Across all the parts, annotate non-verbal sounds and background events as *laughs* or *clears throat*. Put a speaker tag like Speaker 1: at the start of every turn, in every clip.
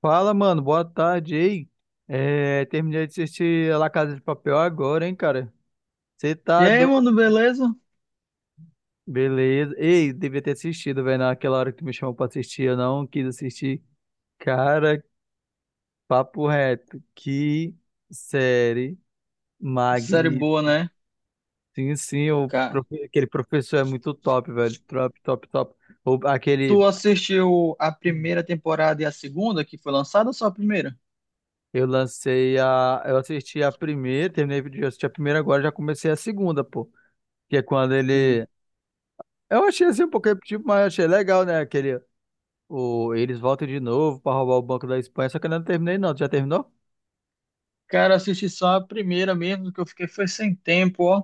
Speaker 1: Fala, mano, boa tarde, ei. É, terminei de assistir La Casa de Papel agora, hein, cara? Você
Speaker 2: E
Speaker 1: tá
Speaker 2: aí,
Speaker 1: do...
Speaker 2: mano, beleza?
Speaker 1: Beleza. Ei, devia ter assistido, velho, naquela hora que me chamou pra assistir, eu não quis assistir. Cara, papo reto, que série
Speaker 2: Série boa,
Speaker 1: magnífica.
Speaker 2: né?
Speaker 1: Sim, sim,
Speaker 2: Cara,
Speaker 1: aquele professor é muito top, velho. Top, top, top. O- aquele...
Speaker 2: tu assistiu a primeira temporada e a segunda que foi lançada ou só a primeira?
Speaker 1: Eu assisti a primeira, terminei de assistir a primeira, agora já comecei a segunda, pô. Que é quando
Speaker 2: Hum.
Speaker 1: ele... Eu achei assim um pouco repetitivo, mas achei legal, né? Aquele. O, eles voltam de novo pra roubar o Banco da Espanha, só que eu ainda não terminei, não. Tu já terminou?
Speaker 2: Cara, assisti só a primeira mesmo, que eu fiquei foi sem tempo, ó.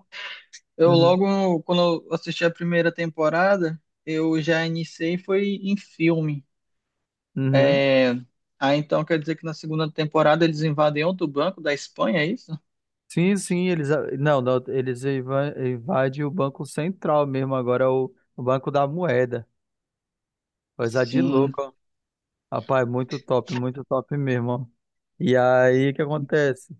Speaker 2: Eu
Speaker 1: Uhum.
Speaker 2: logo, quando eu assisti a primeira temporada, eu já iniciei foi em filme.
Speaker 1: Uhum.
Speaker 2: É... Ah, então quer dizer que na segunda temporada eles invadem outro banco da Espanha, é isso?
Speaker 1: Não, não, invadem o Banco Central mesmo, agora é o Banco da Moeda. Coisa de
Speaker 2: Sim.
Speaker 1: louco, ó. Rapaz, muito top mesmo, ó. E aí, o que acontece?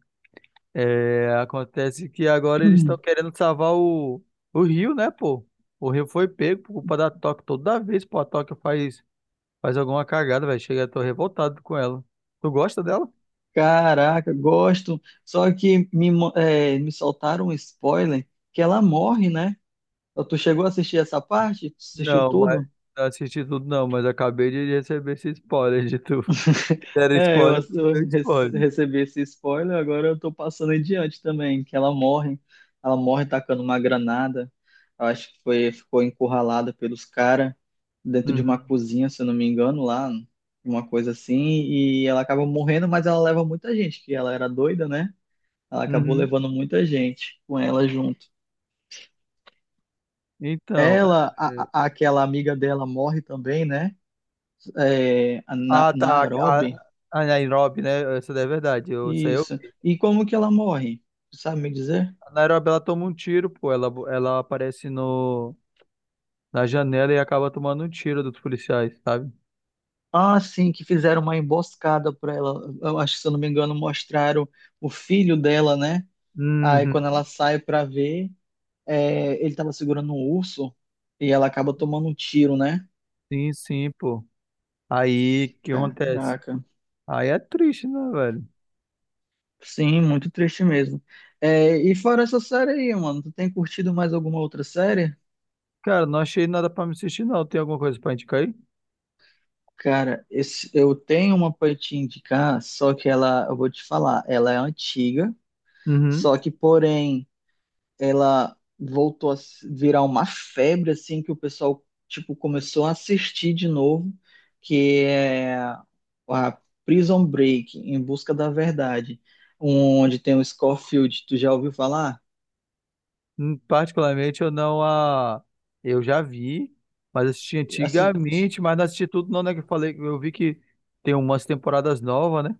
Speaker 1: É, acontece que agora eles estão
Speaker 2: *clears throat*
Speaker 1: querendo salvar o Rio, né, pô? O Rio foi pego por culpa da Tóquio toda vez, pô. A Tóquio faz... Faz alguma cagada, velho. Chega, tô revoltado com ela. Tu gosta dela?
Speaker 2: Caraca, gosto. Só que me soltaram um spoiler que ela morre, né? Tu chegou a assistir essa parte? Tu assistiu
Speaker 1: Não, mas
Speaker 2: tudo?
Speaker 1: não assisti tudo, não, mas acabei de receber esse spoiler de tu. *laughs* Era
Speaker 2: É, eu,
Speaker 1: spoiler,
Speaker 2: ass-
Speaker 1: tu me deu
Speaker 2: eu rece-
Speaker 1: spoiler.
Speaker 2: recebi esse spoiler, agora eu tô passando em diante também, que ela morre. Ela morre tacando uma granada. Eu acho que foi, ficou encurralada pelos caras dentro de uma
Speaker 1: Uhum.
Speaker 2: cozinha, se eu não me engano, lá, uma coisa assim, e ela acaba morrendo, mas ela leva muita gente, que ela era doida, né? Ela acabou
Speaker 1: Uhum.
Speaker 2: levando muita gente com ela junto.
Speaker 1: Então, é,
Speaker 2: Aquela amiga dela morre também, né?
Speaker 1: ah, tá.
Speaker 2: Nairobi.
Speaker 1: A Nairobi, né? Essa daí é verdade. Eu sei. Eu,
Speaker 2: Isso. E como que ela morre? Sabe me dizer?
Speaker 1: a Nairobi, ela toma um tiro, pô. Ela aparece no, na janela e acaba tomando um tiro dos policiais, sabe?
Speaker 2: Ah, sim, que fizeram uma emboscada para ela. Eu acho que, se eu não me engano, mostraram o filho dela, né? Aí
Speaker 1: Uhum.
Speaker 2: quando ela sai para ver, ele tava segurando um urso e ela acaba tomando um tiro, né?
Speaker 1: Sim, sim, pô. Aí, o que acontece?
Speaker 2: Caraca.
Speaker 1: Aí é triste, né, velho?
Speaker 2: Sim, muito triste mesmo. É, e fora essa série aí, mano, tu tem curtido mais alguma outra série?
Speaker 1: Cara, não achei nada pra me assistir, não. Tem alguma coisa pra indicar aí?
Speaker 2: Cara, eu tenho uma pra te indicar, só que ela, eu vou te falar, ela é antiga,
Speaker 1: Uhum.
Speaker 2: só que, porém, ela voltou a virar uma febre, assim, que o pessoal, tipo, começou a assistir de novo, que é a Prison Break, Em Busca da Verdade, onde tem o Scofield, tu já ouviu falar?
Speaker 1: Particularmente, eu não a. Eu já vi, mas assisti antigamente, mas não assisti tudo, não, né? Que eu falei, eu vi que tem umas temporadas novas, né?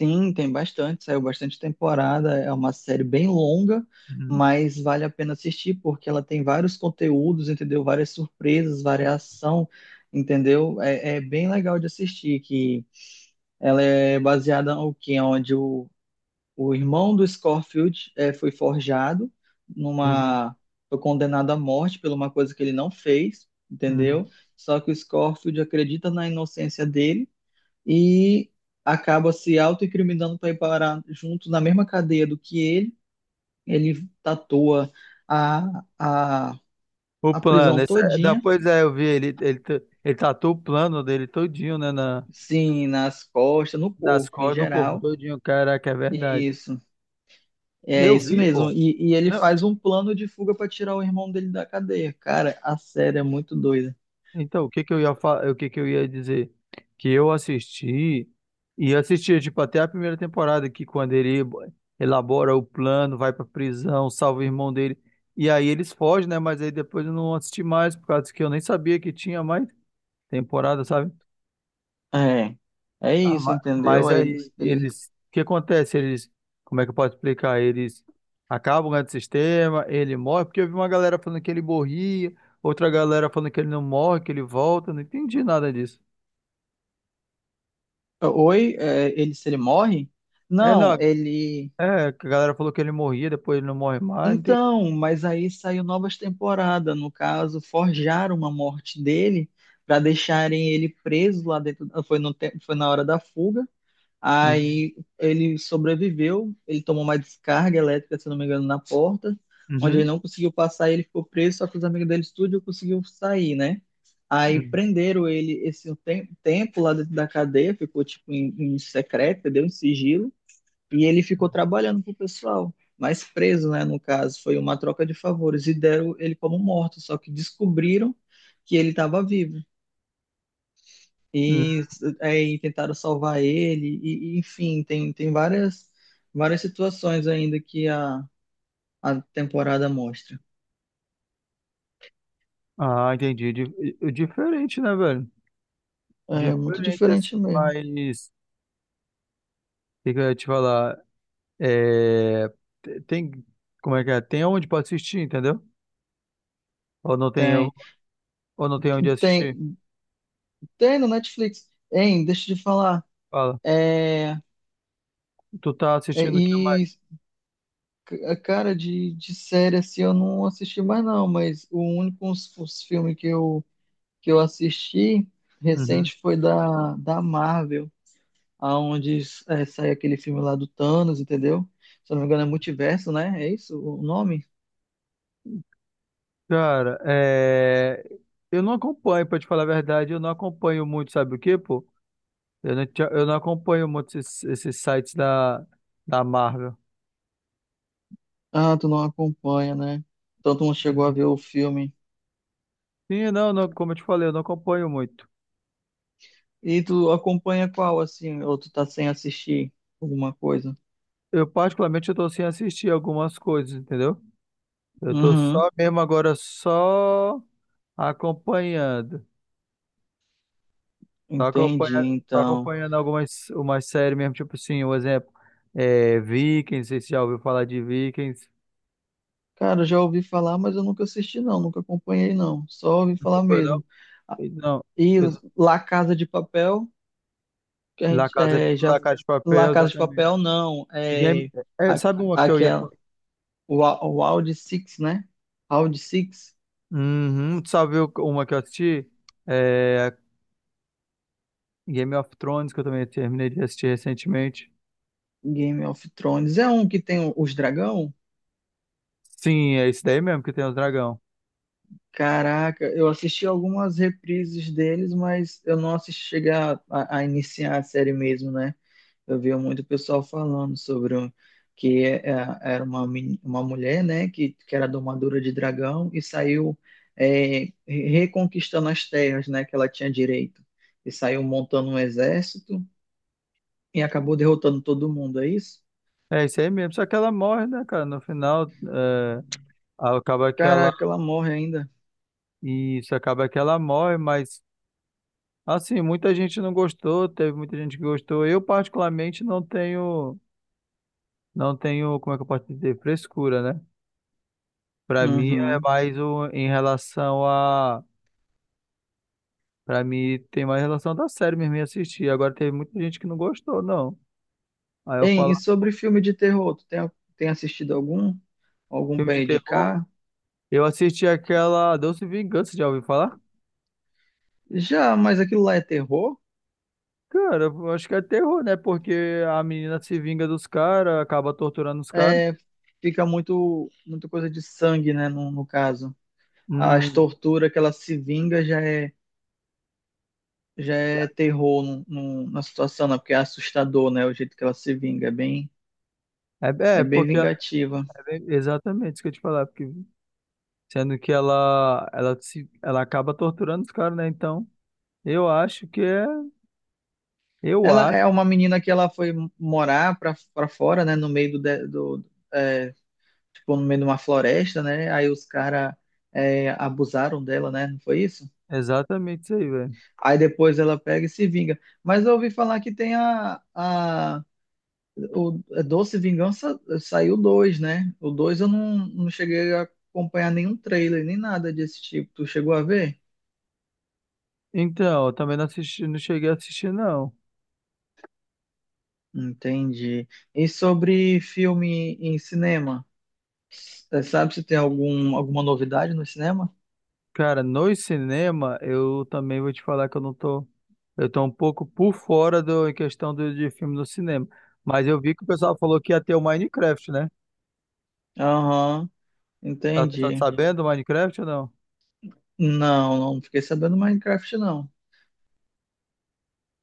Speaker 2: Sim, tem bastante, saiu bastante temporada. É uma série bem longa,
Speaker 1: Uhum.
Speaker 2: mas vale a pena assistir porque ela tem vários conteúdos, entendeu? Várias surpresas, variação, entendeu? É, é bem legal de assistir, que ela é baseada no que onde o irmão do Scorfield foi forjado
Speaker 1: Uhum.
Speaker 2: numa foi condenado à morte por uma coisa que ele não fez, entendeu?
Speaker 1: Uhum.
Speaker 2: Só que o Scorfield acredita na inocência dele e acaba se autoincriminando para ir parar junto na mesma cadeia do que ele. Ele tatua a, a,
Speaker 1: O
Speaker 2: a
Speaker 1: plano,
Speaker 2: prisão
Speaker 1: esse, é,
Speaker 2: todinha,
Speaker 1: depois é, eu vi ele, ele, ta- ele tatuou o plano dele todinho, né? Na,
Speaker 2: sim, nas costas, no
Speaker 1: nas
Speaker 2: corpo em
Speaker 1: costas, no corpo
Speaker 2: geral.
Speaker 1: todinho. Caraca, é verdade.
Speaker 2: Isso, é
Speaker 1: Eu
Speaker 2: isso
Speaker 1: vi,
Speaker 2: mesmo.
Speaker 1: pô.
Speaker 2: E ele faz um plano de fuga para tirar o irmão dele da cadeia. Cara, a série é muito doida.
Speaker 1: Então, o que que eu ia fa... o que que eu ia dizer? Que eu assisti e assisti tipo até a primeira temporada que quando ele elabora o plano, vai pra prisão, salva o irmão dele e aí eles fogem, né? Mas aí depois eu não assisti mais por causa que eu nem sabia que tinha mais temporada, sabe?
Speaker 2: É, é
Speaker 1: Ah,
Speaker 2: isso,
Speaker 1: ma- mas
Speaker 2: entendeu? Ele,
Speaker 1: aí
Speaker 2: ele,
Speaker 1: eles, o que acontece? Eles, como é que eu posso explicar? Eles acabam ganhando o sistema, ele morre, porque eu vi uma galera falando que ele morria, outra galera falando que ele não morre, que ele volta, não entendi nada disso.
Speaker 2: oi, é, ele, se ele morre?
Speaker 1: É, não,
Speaker 2: Não, ele...
Speaker 1: é, que a galera falou que ele morria, depois ele não morre mais, entendi.
Speaker 2: Então, mas aí saiu novas temporadas, no caso, forjaram uma morte dele para deixarem ele preso lá dentro. Ah, Foi, no, te- Foi na hora da fuga.
Speaker 1: Uhum.
Speaker 2: Aí ele sobreviveu, ele tomou uma descarga elétrica, se não me engano, na porta, onde ele
Speaker 1: Uhum.
Speaker 2: não conseguiu passar, ele ficou preso, só que os amigos dele tudo conseguiu sair, né? Aí
Speaker 1: Uhum.
Speaker 2: prenderam ele esse tempo lá dentro da cadeia, ficou tipo em secreto, entendeu? Em sigilo. E ele ficou trabalhando pro pessoal, mas preso, né? No caso, foi uma troca de favores e deram ele como morto, só que descobriram que ele estava vivo
Speaker 1: Uhum.
Speaker 2: e e tentaram salvar ele. Enfim, tem várias, várias situações ainda que a temporada mostra.
Speaker 1: Ah, entendi. Diferente, né, velho?
Speaker 2: É muito
Speaker 1: Diferente, assim,
Speaker 2: diferente mesmo.
Speaker 1: mas. O que que eu ia te falar? É, tem. Como é que é? Tem onde pra assistir, entendeu? Ou
Speaker 2: Tem,
Speaker 1: não tem onde assistir?
Speaker 2: tem, Tem no Netflix. Hein, deixa eu te falar.
Speaker 1: Fala.
Speaker 2: É,
Speaker 1: Tu tá
Speaker 2: é,
Speaker 1: assistindo o que mais?
Speaker 2: e A Cara, de série assim eu não assisti mais não, mas os filme que eu assisti
Speaker 1: Uhum.
Speaker 2: recente foi da Marvel, aonde sai aquele filme lá do Thanos, entendeu? Se eu não me engano é Multiverso, né? É isso o nome?
Speaker 1: Cara, é. Eu não acompanho, pra te falar a verdade, eu não acompanho muito, sabe o quê, pô? Eu não acompanho muito esses, esses sites da, da Marvel.
Speaker 2: Ah, tu não acompanha, né? Então tu não chegou a
Speaker 1: Uhum.
Speaker 2: ver o filme.
Speaker 1: Sim, não, não, como eu te falei, eu não acompanho muito.
Speaker 2: E tu acompanha qual, assim, ou tu tá sem assistir alguma coisa?
Speaker 1: Eu, particularmente, eu tô sem assistir algumas coisas, entendeu? Eu tô só
Speaker 2: Uhum,
Speaker 1: mesmo agora, só acompanhando. Só
Speaker 2: entendi,
Speaker 1: acompanhando, só
Speaker 2: então.
Speaker 1: acompanhando algumas umas séries mesmo, tipo assim, um exemplo. É, Vikings, você já ouviu falar de Vikings?
Speaker 2: Cara, eu já ouvi falar, mas eu nunca assisti não, nunca acompanhei não, só ouvi
Speaker 1: Não
Speaker 2: falar
Speaker 1: acompanho, não.
Speaker 2: mesmo.
Speaker 1: Não,
Speaker 2: E
Speaker 1: eu,
Speaker 2: La Casa de Papel, que a gente é, já...
Speaker 1: La Casa de
Speaker 2: La
Speaker 1: Papel,
Speaker 2: Casa de
Speaker 1: exatamente.
Speaker 2: Papel não,
Speaker 1: Game,
Speaker 2: é
Speaker 1: é,
Speaker 2: a-
Speaker 1: sabe uma que eu ia.
Speaker 2: aquela... o Round Six, né? Round Six,
Speaker 1: Uhum. Tu sabe uma que eu assisti? É Game of Thrones, que eu também terminei de assistir recentemente.
Speaker 2: Game of Thrones é um que tem os dragão.
Speaker 1: Sim, é esse daí mesmo que tem os dragão.
Speaker 2: Caraca, eu assisti algumas reprises deles, mas eu não assisti chegar a iniciar a série mesmo, né? Eu via muito pessoal falando sobre que é, era uma, uma mulher, né, que era domadora de dragão e saiu reconquistando as terras, né, que ela tinha direito. E saiu montando um exército e acabou derrotando todo mundo, é isso?
Speaker 1: É esse aí mesmo, só que ela morre, né, cara? No final, é, acaba que ela.
Speaker 2: Caraca, ela morre ainda.
Speaker 1: Isso, acaba que ela morre, mas assim, muita gente não gostou, teve muita gente que gostou. Eu, particularmente, não tenho. Não tenho, como é que eu posso dizer? Frescura, né? Pra mim é
Speaker 2: Uhum.
Speaker 1: mais o, em relação... Pra mim tem mais relação da série mesmo, e assistir. Agora teve muita gente que não gostou, não. Aí eu
Speaker 2: Ei,
Speaker 1: falo,
Speaker 2: e sobre filme de terror, tem assistido algum? Algum
Speaker 1: filme
Speaker 2: pra
Speaker 1: de terror,
Speaker 2: indicar?
Speaker 1: eu assisti aquela Doce Vingança, já ouviu falar?
Speaker 2: Já, mas aquilo lá é terror?
Speaker 1: Cara, eu acho que é terror, né? Porque a menina se vinga dos caras, acaba torturando os caras.
Speaker 2: É, fica muito, muita coisa de sangue, né, no caso. As
Speaker 1: Hum,
Speaker 2: torturas que ela se vinga já é terror na situação, né? Porque é assustador, né? O jeito que ela se vinga,
Speaker 1: é,
Speaker 2: é
Speaker 1: é,
Speaker 2: bem
Speaker 1: porque é
Speaker 2: vingativa.
Speaker 1: exatamente isso que eu ia te falar, porque sendo que ela se ela acaba torturando os caras, né? Então, eu acho que é, eu
Speaker 2: Ela
Speaker 1: acho
Speaker 2: é uma menina que ela foi morar pra, pra fora, né? No meio do é, tipo, no meio de uma floresta, né? Aí os caras abusaram dela, né? Não foi isso?
Speaker 1: exatamente isso aí, velho.
Speaker 2: Aí depois ela pega e se vinga. Mas eu ouvi falar que tem a O a Doce Vingança saiu dois, né? O dois eu não cheguei a acompanhar nenhum trailer, nem nada desse tipo. Tu chegou a ver?
Speaker 1: Então, eu também não assisti, não cheguei a assistir, não.
Speaker 2: Entendi. E sobre filme em cinema? Sabe se tem algum, alguma novidade no cinema?
Speaker 1: Cara, no cinema, eu também vou te falar que eu não tô. Eu tô um pouco por fora do, em questão do, de filme no cinema. Mas eu vi que o pessoal falou que ia ter o Minecraft, né?
Speaker 2: Aham,
Speaker 1: Tá, tá
Speaker 2: entendi.
Speaker 1: sabendo o Minecraft ou não? O
Speaker 2: Não, não fiquei sabendo Minecraft, não.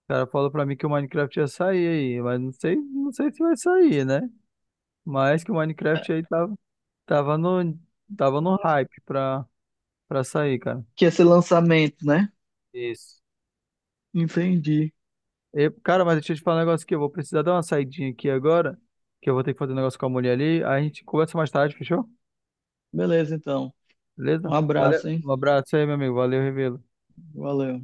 Speaker 1: cara falou pra mim que o Minecraft ia sair aí, mas não sei, não sei se vai sair, né? Mas que o Minecraft aí tava, tava no, tava no hype pra, pra sair, cara.
Speaker 2: Que esse lançamento, né?
Speaker 1: Isso.
Speaker 2: Entendi.
Speaker 1: E, cara, mas deixa eu te falar um negócio aqui. Eu vou precisar dar uma saidinha aqui agora, que eu vou ter que fazer um negócio com a mulher ali. Aí a gente conversa mais tarde, fechou?
Speaker 2: Beleza, então.
Speaker 1: Beleza?
Speaker 2: Um
Speaker 1: Valeu.
Speaker 2: abraço, hein?
Speaker 1: Um abraço aí, meu amigo. Valeu, Revelo.
Speaker 2: Valeu.